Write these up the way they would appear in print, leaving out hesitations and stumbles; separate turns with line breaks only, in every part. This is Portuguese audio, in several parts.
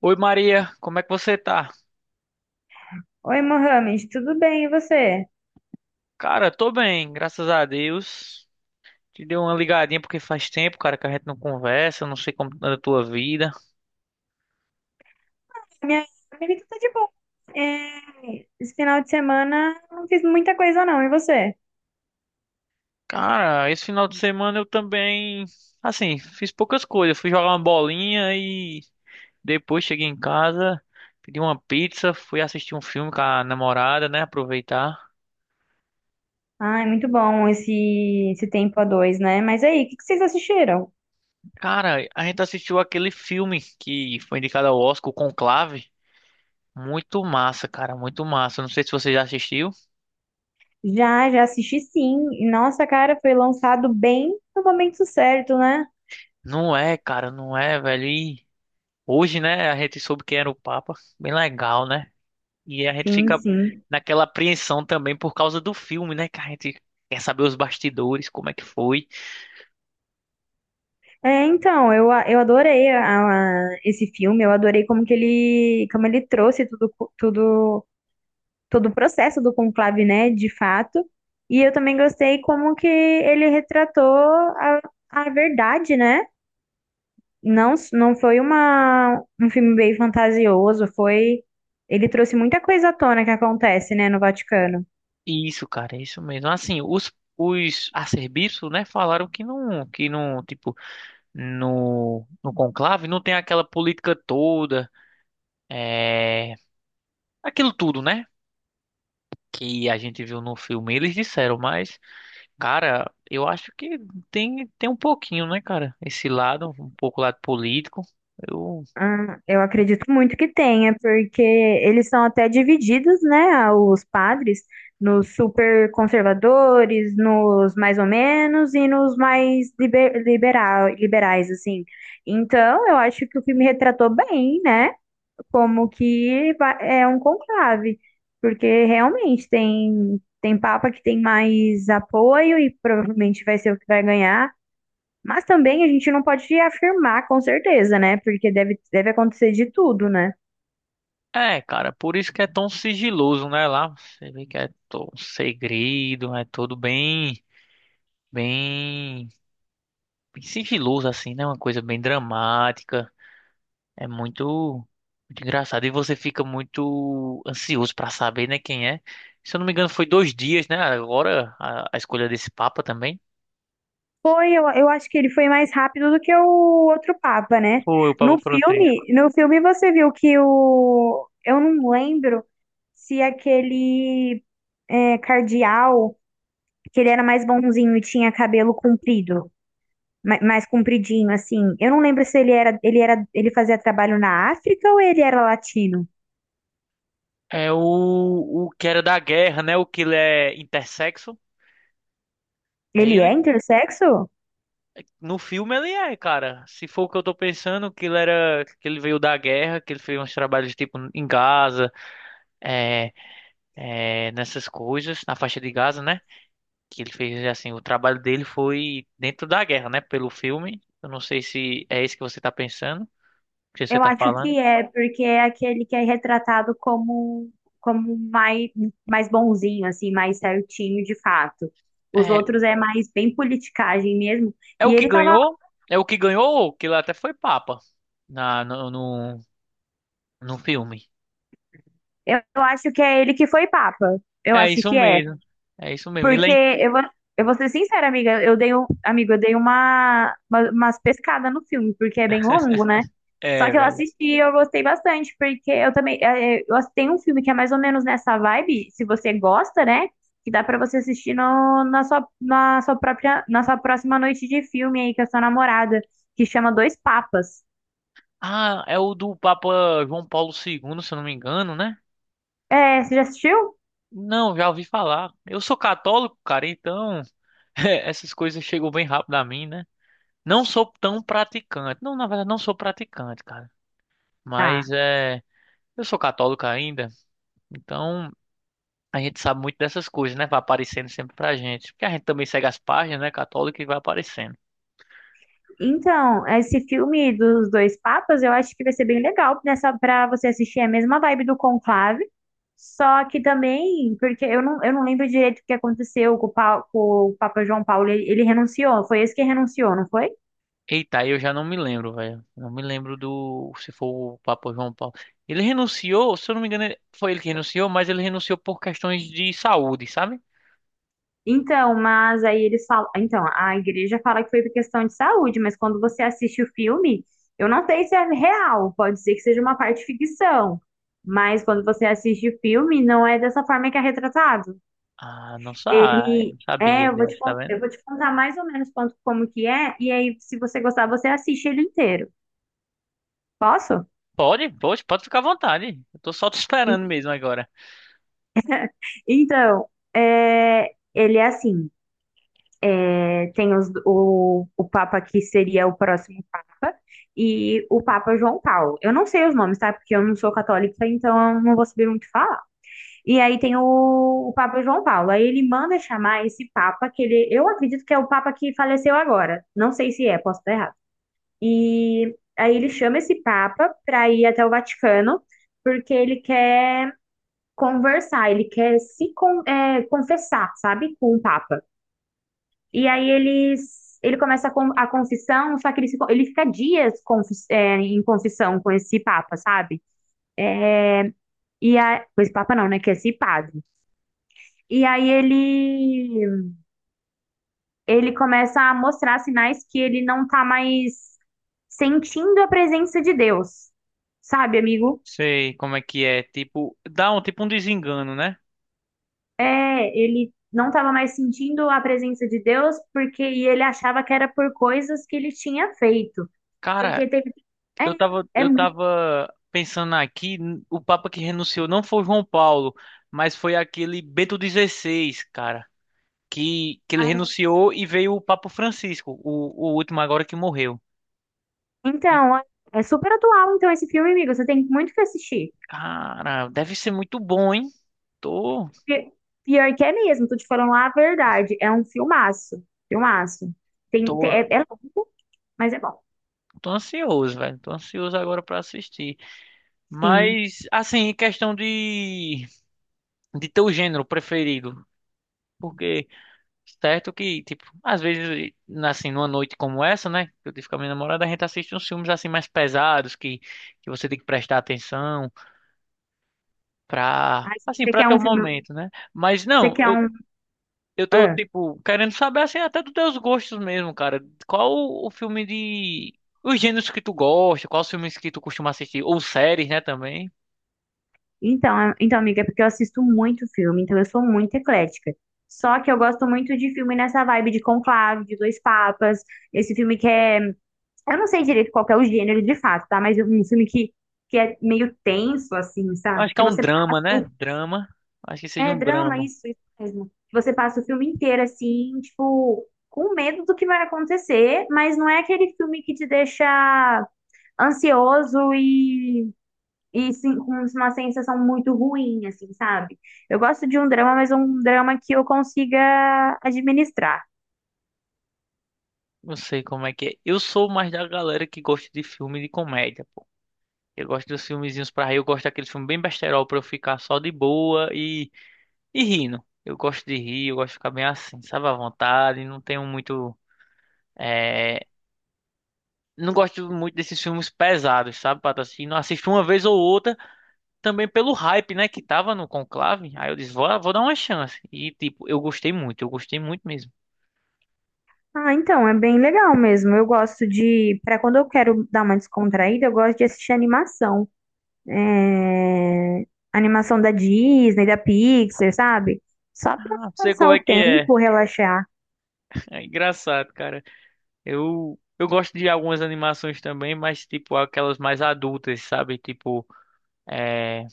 Oi Maria, como é que você tá?
Oi, Mohamed, tudo bem? E você?
Cara, tô bem, graças a Deus. Te dei uma ligadinha porque faz tempo, cara, que a gente não conversa, não sei como anda a tua vida.
Minha amiga tá de boa. É, esse final de semana não fiz muita coisa, não. E você?
Cara, esse final de semana eu também, assim, fiz poucas coisas. Fui jogar uma bolinha e depois cheguei em casa, pedi uma pizza, fui assistir um filme com a namorada, né, aproveitar.
Ai, muito bom esse tempo a dois, né? Mas aí, o que que vocês assistiram?
Cara, a gente assistiu aquele filme que foi indicado ao Oscar, o Conclave. Muito massa, cara, muito massa. Não sei se você já assistiu.
Já assisti, sim. E nossa, cara, foi lançado bem no momento certo, né?
Não é, cara, não é, velho. E hoje, né, a gente soube quem era o Papa. Bem legal, né? E a gente
Sim,
fica
sim.
naquela apreensão também por causa do filme, né? Que a gente quer saber os bastidores, como é que foi.
Então eu adorei esse filme, eu adorei como que ele, como ele trouxe tudo, todo o processo do conclave, né, de fato. E eu também gostei como que ele retratou a verdade, né? Não foi uma, um filme bem fantasioso, foi. Ele trouxe muita coisa à tona que acontece, né, no Vaticano.
E isso, cara, é isso mesmo. Assim, os arcebispos, né, falaram que não, tipo, no conclave não tem aquela política toda, é, aquilo tudo, né? Que a gente viu no filme. Eles disseram, mas. Cara, eu acho que tem um pouquinho, né, cara? Esse lado, um pouco lado político. Eu...
Ah, eu acredito muito que tenha, porque eles são até divididos, né, os padres, nos super conservadores, nos mais ou menos e nos mais liberais, assim. Então, eu acho que o filme retratou bem, né, como é um conclave, porque realmente tem, tem papa que tem mais apoio e provavelmente vai ser o que vai ganhar, mas também a gente não pode afirmar com certeza, né? Porque deve acontecer de tudo, né?
É, cara, por isso que é tão sigiloso, né? Lá você vê que é todo segredo, é tudo bem, bem, bem sigiloso, assim, né? Uma coisa bem dramática. É muito, muito engraçado. E você fica muito ansioso pra saber, né, quem é. Se eu não me engano, foi dois dias, né? Agora a escolha desse Papa também.
Foi, eu acho que ele foi mais rápido do que o outro Papa, né?
Foi o Papa
No
Francisco.
filme, no filme você viu que o... Eu não lembro se aquele cardeal, que ele era mais bonzinho e tinha cabelo comprido, mais compridinho, assim. Eu não lembro se ele era, ele era, ele fazia trabalho na África ou ele era latino.
É o que era da guerra, né? O que ele é intersexo. É
Ele é
ele?
intersexo?
No filme ele é, cara. Se for o que eu tô pensando, que ele era, que ele veio da guerra, que ele fez uns trabalhos tipo em Gaza, é, nessas coisas, na faixa de Gaza, né? Que ele fez assim, o trabalho dele foi dentro da guerra, né? Pelo filme. Eu não sei se é esse que você tá pensando, que você
Eu
tá
acho
falando.
que é, porque é aquele que é retratado como, como mais, mais bonzinho, assim, mais certinho de fato. Os
É,
outros é mais bem politicagem mesmo.
é o
E
que
ele tava...
ganhou, é o que ganhou, que ele até foi papa na, no, no, no filme.
Eu acho que é ele que foi papa. Eu
É
acho
isso
que é.
mesmo. É isso mesmo. Ele é,
Porque
in-
eu vou ser sincera, amiga, eu dei, amigo, eu dei umas pescadas no filme, porque é bem longo, né? Só
é,
que eu
velho.
assisti e eu gostei bastante, porque eu também, tem um filme que é mais ou menos nessa vibe, se você gosta, né? Que dá pra você assistir no, na sua própria, na sua próxima noite de filme aí com a sua namorada, que chama Dois Papas.
Ah, é o do Papa João Paulo II, se eu não me engano, né?
É, você já assistiu?
Não, já ouvi falar. Eu sou católico, cara, então essas coisas chegam bem rápido a mim, né? Não sou tão praticante. Não, na verdade, não sou praticante, cara. Mas
Tá.
eu sou católico ainda, então a gente sabe muito dessas coisas, né? Vai aparecendo sempre pra gente. Porque a gente também segue as páginas, né, católica e vai aparecendo.
Então, esse filme dos dois papas, eu acho que vai ser bem legal nessa para você assistir. É a mesma vibe do Conclave, só que também, porque eu não lembro direito o que aconteceu com com o Papa João Paulo, ele renunciou, foi esse que renunciou, não foi?
Eita, aí eu já não me lembro, velho. Não me lembro do. Se for o Papa João Paulo. Ele renunciou, se eu não me engano, foi ele que renunciou, mas ele renunciou por questões de saúde, sabe?
Então, mas aí eles falam, então, a igreja fala que foi por questão de saúde, mas quando você assiste o filme, eu não sei se é real, pode ser que seja uma parte ficção, mas quando você assiste o filme, não é dessa forma que é retratado.
Ah, não,
Ele
não
é...
sabia disso, tá
eu
vendo?
vou te contar mais ou menos como que é, e aí, se você gostar, você assiste ele inteiro. Posso?
Pode, pode, pode ficar à vontade. Eu tô só te esperando mesmo agora.
Então, ele é assim, tem o Papa que seria o próximo Papa e o Papa João Paulo. Eu não sei os nomes, tá? Porque eu não sou católica, então eu não vou saber muito falar. E aí tem o Papa João Paulo. Aí ele manda chamar esse Papa, que ele, eu acredito que é o Papa que faleceu agora. Não sei se é, posso estar errado. E aí ele chama esse Papa para ir até o Vaticano, porque ele quer conversar, ele quer se con- é, confessar, sabe, com o Papa. E aí eles, ele começa a confissão, só que ele, se con- ele fica dias em confissão com esse Papa, sabe? É, e a, com esse Papa não, né? Que é esse padre. E aí ele começa a mostrar sinais que ele não tá mais sentindo a presença de Deus. Sabe, amigo?
Sei como é que é. Tipo, dá um tipo um desengano, né?
É, ele não estava mais sentindo a presença de Deus porque e ele achava que era por coisas que ele tinha feito.
Cara,
Porque teve...
eu tava,
É, é,
eu
mu-
tava pensando aqui, o Papa que renunciou não foi João Paulo, mas foi aquele Bento XVI, cara, que ele
ah,
renunciou e veio o Papa Francisco, o último agora que morreu. E,
então, é super atual, então, esse filme, amigo. Você tem muito que assistir.
cara, deve ser muito bom, hein? Tô,
Porque, pior que é mesmo, tô te falando a verdade. É um filmaço. Filmaço.
tô,
É longo, mas é bom.
tô ansioso, velho. Tô ansioso agora pra assistir.
Sim.
Mas, assim, em questão de teu gênero preferido. Porque, certo que, tipo, às vezes, assim, numa noite como essa, né? Que eu tive com a minha namorada, a gente assiste uns filmes, assim, mais pesados, que você tem que prestar atenção pra,
Ai,
assim,
você
pra
quer
teu
um filme.
momento, né? Mas
Você
não,
quer um.
Eu tô, tipo, querendo saber, assim, até dos teus gostos mesmo, cara. Qual o filme de... Os gêneros que tu gosta, quais os filmes que tu costuma assistir, ou séries, né, também.
Então, amiga, é porque eu assisto muito filme, então eu sou muito eclética. Só que eu gosto muito de filme nessa vibe de Conclave, de Dois Papas, esse filme que é... Eu não sei direito qual que é o gênero de fato, tá? Mas é um filme que é meio tenso, assim,
Eu
sabe?
Acho que é
Que
um
você
drama, né?
passa.
Drama. Acho que seja
É
um
drama,
drama.
isso mesmo. Que você passa o filme inteiro, assim, tipo, com medo do que vai acontecer, mas não é aquele filme que te deixa ansioso e sim, com uma sensação muito ruim, assim, sabe? Eu gosto de um drama, mas um drama que eu consiga administrar.
Não sei como é que é. Eu sou mais da galera que gosta de filme de comédia, pô. Eu gosto dos filmezinhos pra rir, eu gosto daqueles filmes bem besterol pra eu ficar só de boa e rindo. Eu gosto de rir, eu gosto de ficar bem assim, sabe, à vontade, não tenho muito... eh, não gosto muito desses filmes pesados, sabe, Pato? Assim, não assisto uma vez ou outra, também pelo hype, né, que tava no Conclave. Aí eu disse, vou dar uma chance. E, tipo, eu gostei muito mesmo.
Ah, então, é bem legal mesmo. Eu gosto de, para quando eu quero dar uma descontraída, eu gosto de assistir animação. É, animação da Disney, da Pixar, sabe? Só pra
Ah, sei
passar
como
o
é que é.
tempo, relaxar.
É engraçado, cara. Eu gosto de algumas animações também, mas, tipo, aquelas mais adultas, sabe? Tipo, é.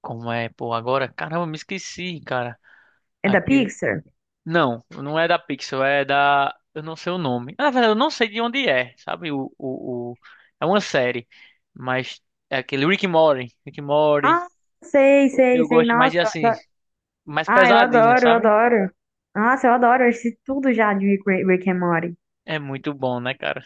Como é, pô, agora? Caramba, me esqueci, cara.
É da
Aquele.
Pixar?
Não, não é da Pixel, é da. Eu não sei o nome. Na verdade, eu não sei de onde é, sabe? É uma série, mas é aquele Rick and Morty. Rick and Morty.
Ah,
Eu
sei.
gosto mais
Nossa,
de
eu
assim,
adoro...
mais
ah,
pesadinho,
eu
sabe?
adoro. Nossa, eu adoro. Eu assisti tudo já de Rick and Morty.
É muito bom, né, cara?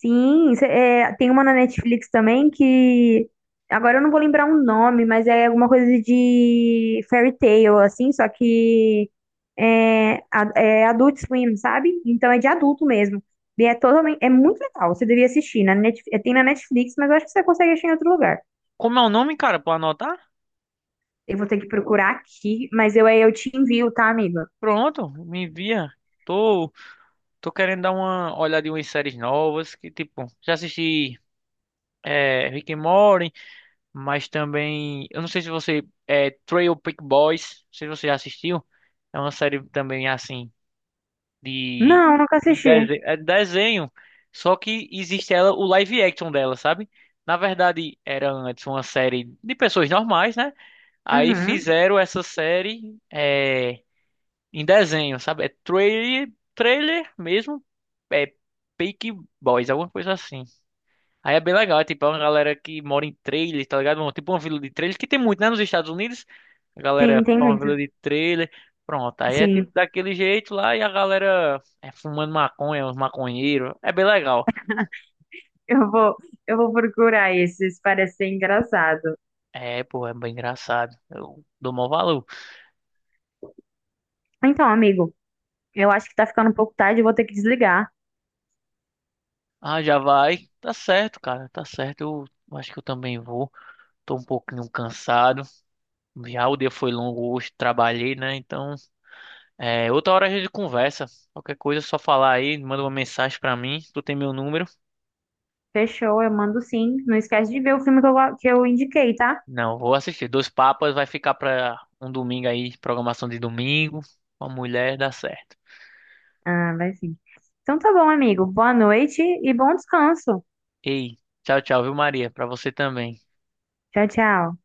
Sim, tem uma na Netflix também que agora eu não vou lembrar o nome, mas é alguma coisa de fairy tale, assim, só que é Adult Swim, sabe? Então é de adulto mesmo. E é totalmente, é muito legal, você devia assistir. Na Net, é, tem na Netflix, mas eu acho que você consegue achar em outro lugar.
Como é o nome, cara? Pra anotar?
Eu vou ter que procurar aqui, aí eu te envio, tá, amiga?
Pronto, me envia. Tô, tô querendo dar uma olhadinha em umas séries novas que, tipo, já assisti Rick and Morty. Mas também, eu não sei se você é Trail Peak Boys, não sei se você já assistiu. É uma série também assim de
Não, nunca assisti.
desenho, é desenho, só que existe ela o live action dela, sabe? Na verdade, era antes uma série de pessoas normais, né? Aí
Uhum.
fizeram essa série em desenho, sabe? É trailer, trailer mesmo, é Peak Boys, alguma coisa assim. Aí é bem legal, é tipo é uma galera que mora em trailer, tá ligado? Bom, tipo uma vila de trailer, que tem muito, né, nos Estados Unidos. A
Sim,
galera
tem
forma uma
muito.
vila de trailer. Pronto, aí é tipo
Sim,
daquele jeito lá e a galera é fumando maconha, uns maconheiros. É bem legal.
eu vou, eu vou procurar esses, parece ser engraçado.
É, pô, é bem engraçado. Eu dou maior valor.
Então, amigo, eu acho que tá ficando um pouco tarde, eu vou ter que desligar.
Ah, já vai. Tá certo, cara, tá certo. Eu acho que eu também vou. Tô um pouquinho cansado. Já o dia foi longo hoje, trabalhei, né? Então. É, outra hora a gente conversa. Qualquer coisa é só falar aí, manda uma mensagem pra mim. Tu tem meu número?
Fechou, eu mando sim. Não esquece de ver o filme que que eu indiquei, tá?
Não, vou assistir. Dois Papas vai ficar pra um domingo aí, programação de domingo. Uma mulher dá certo.
Ah, vai sim. Então tá bom, amigo. Boa noite e bom descanso.
Ei, tchau, tchau, viu, Maria? Pra você também.
Tchau, tchau.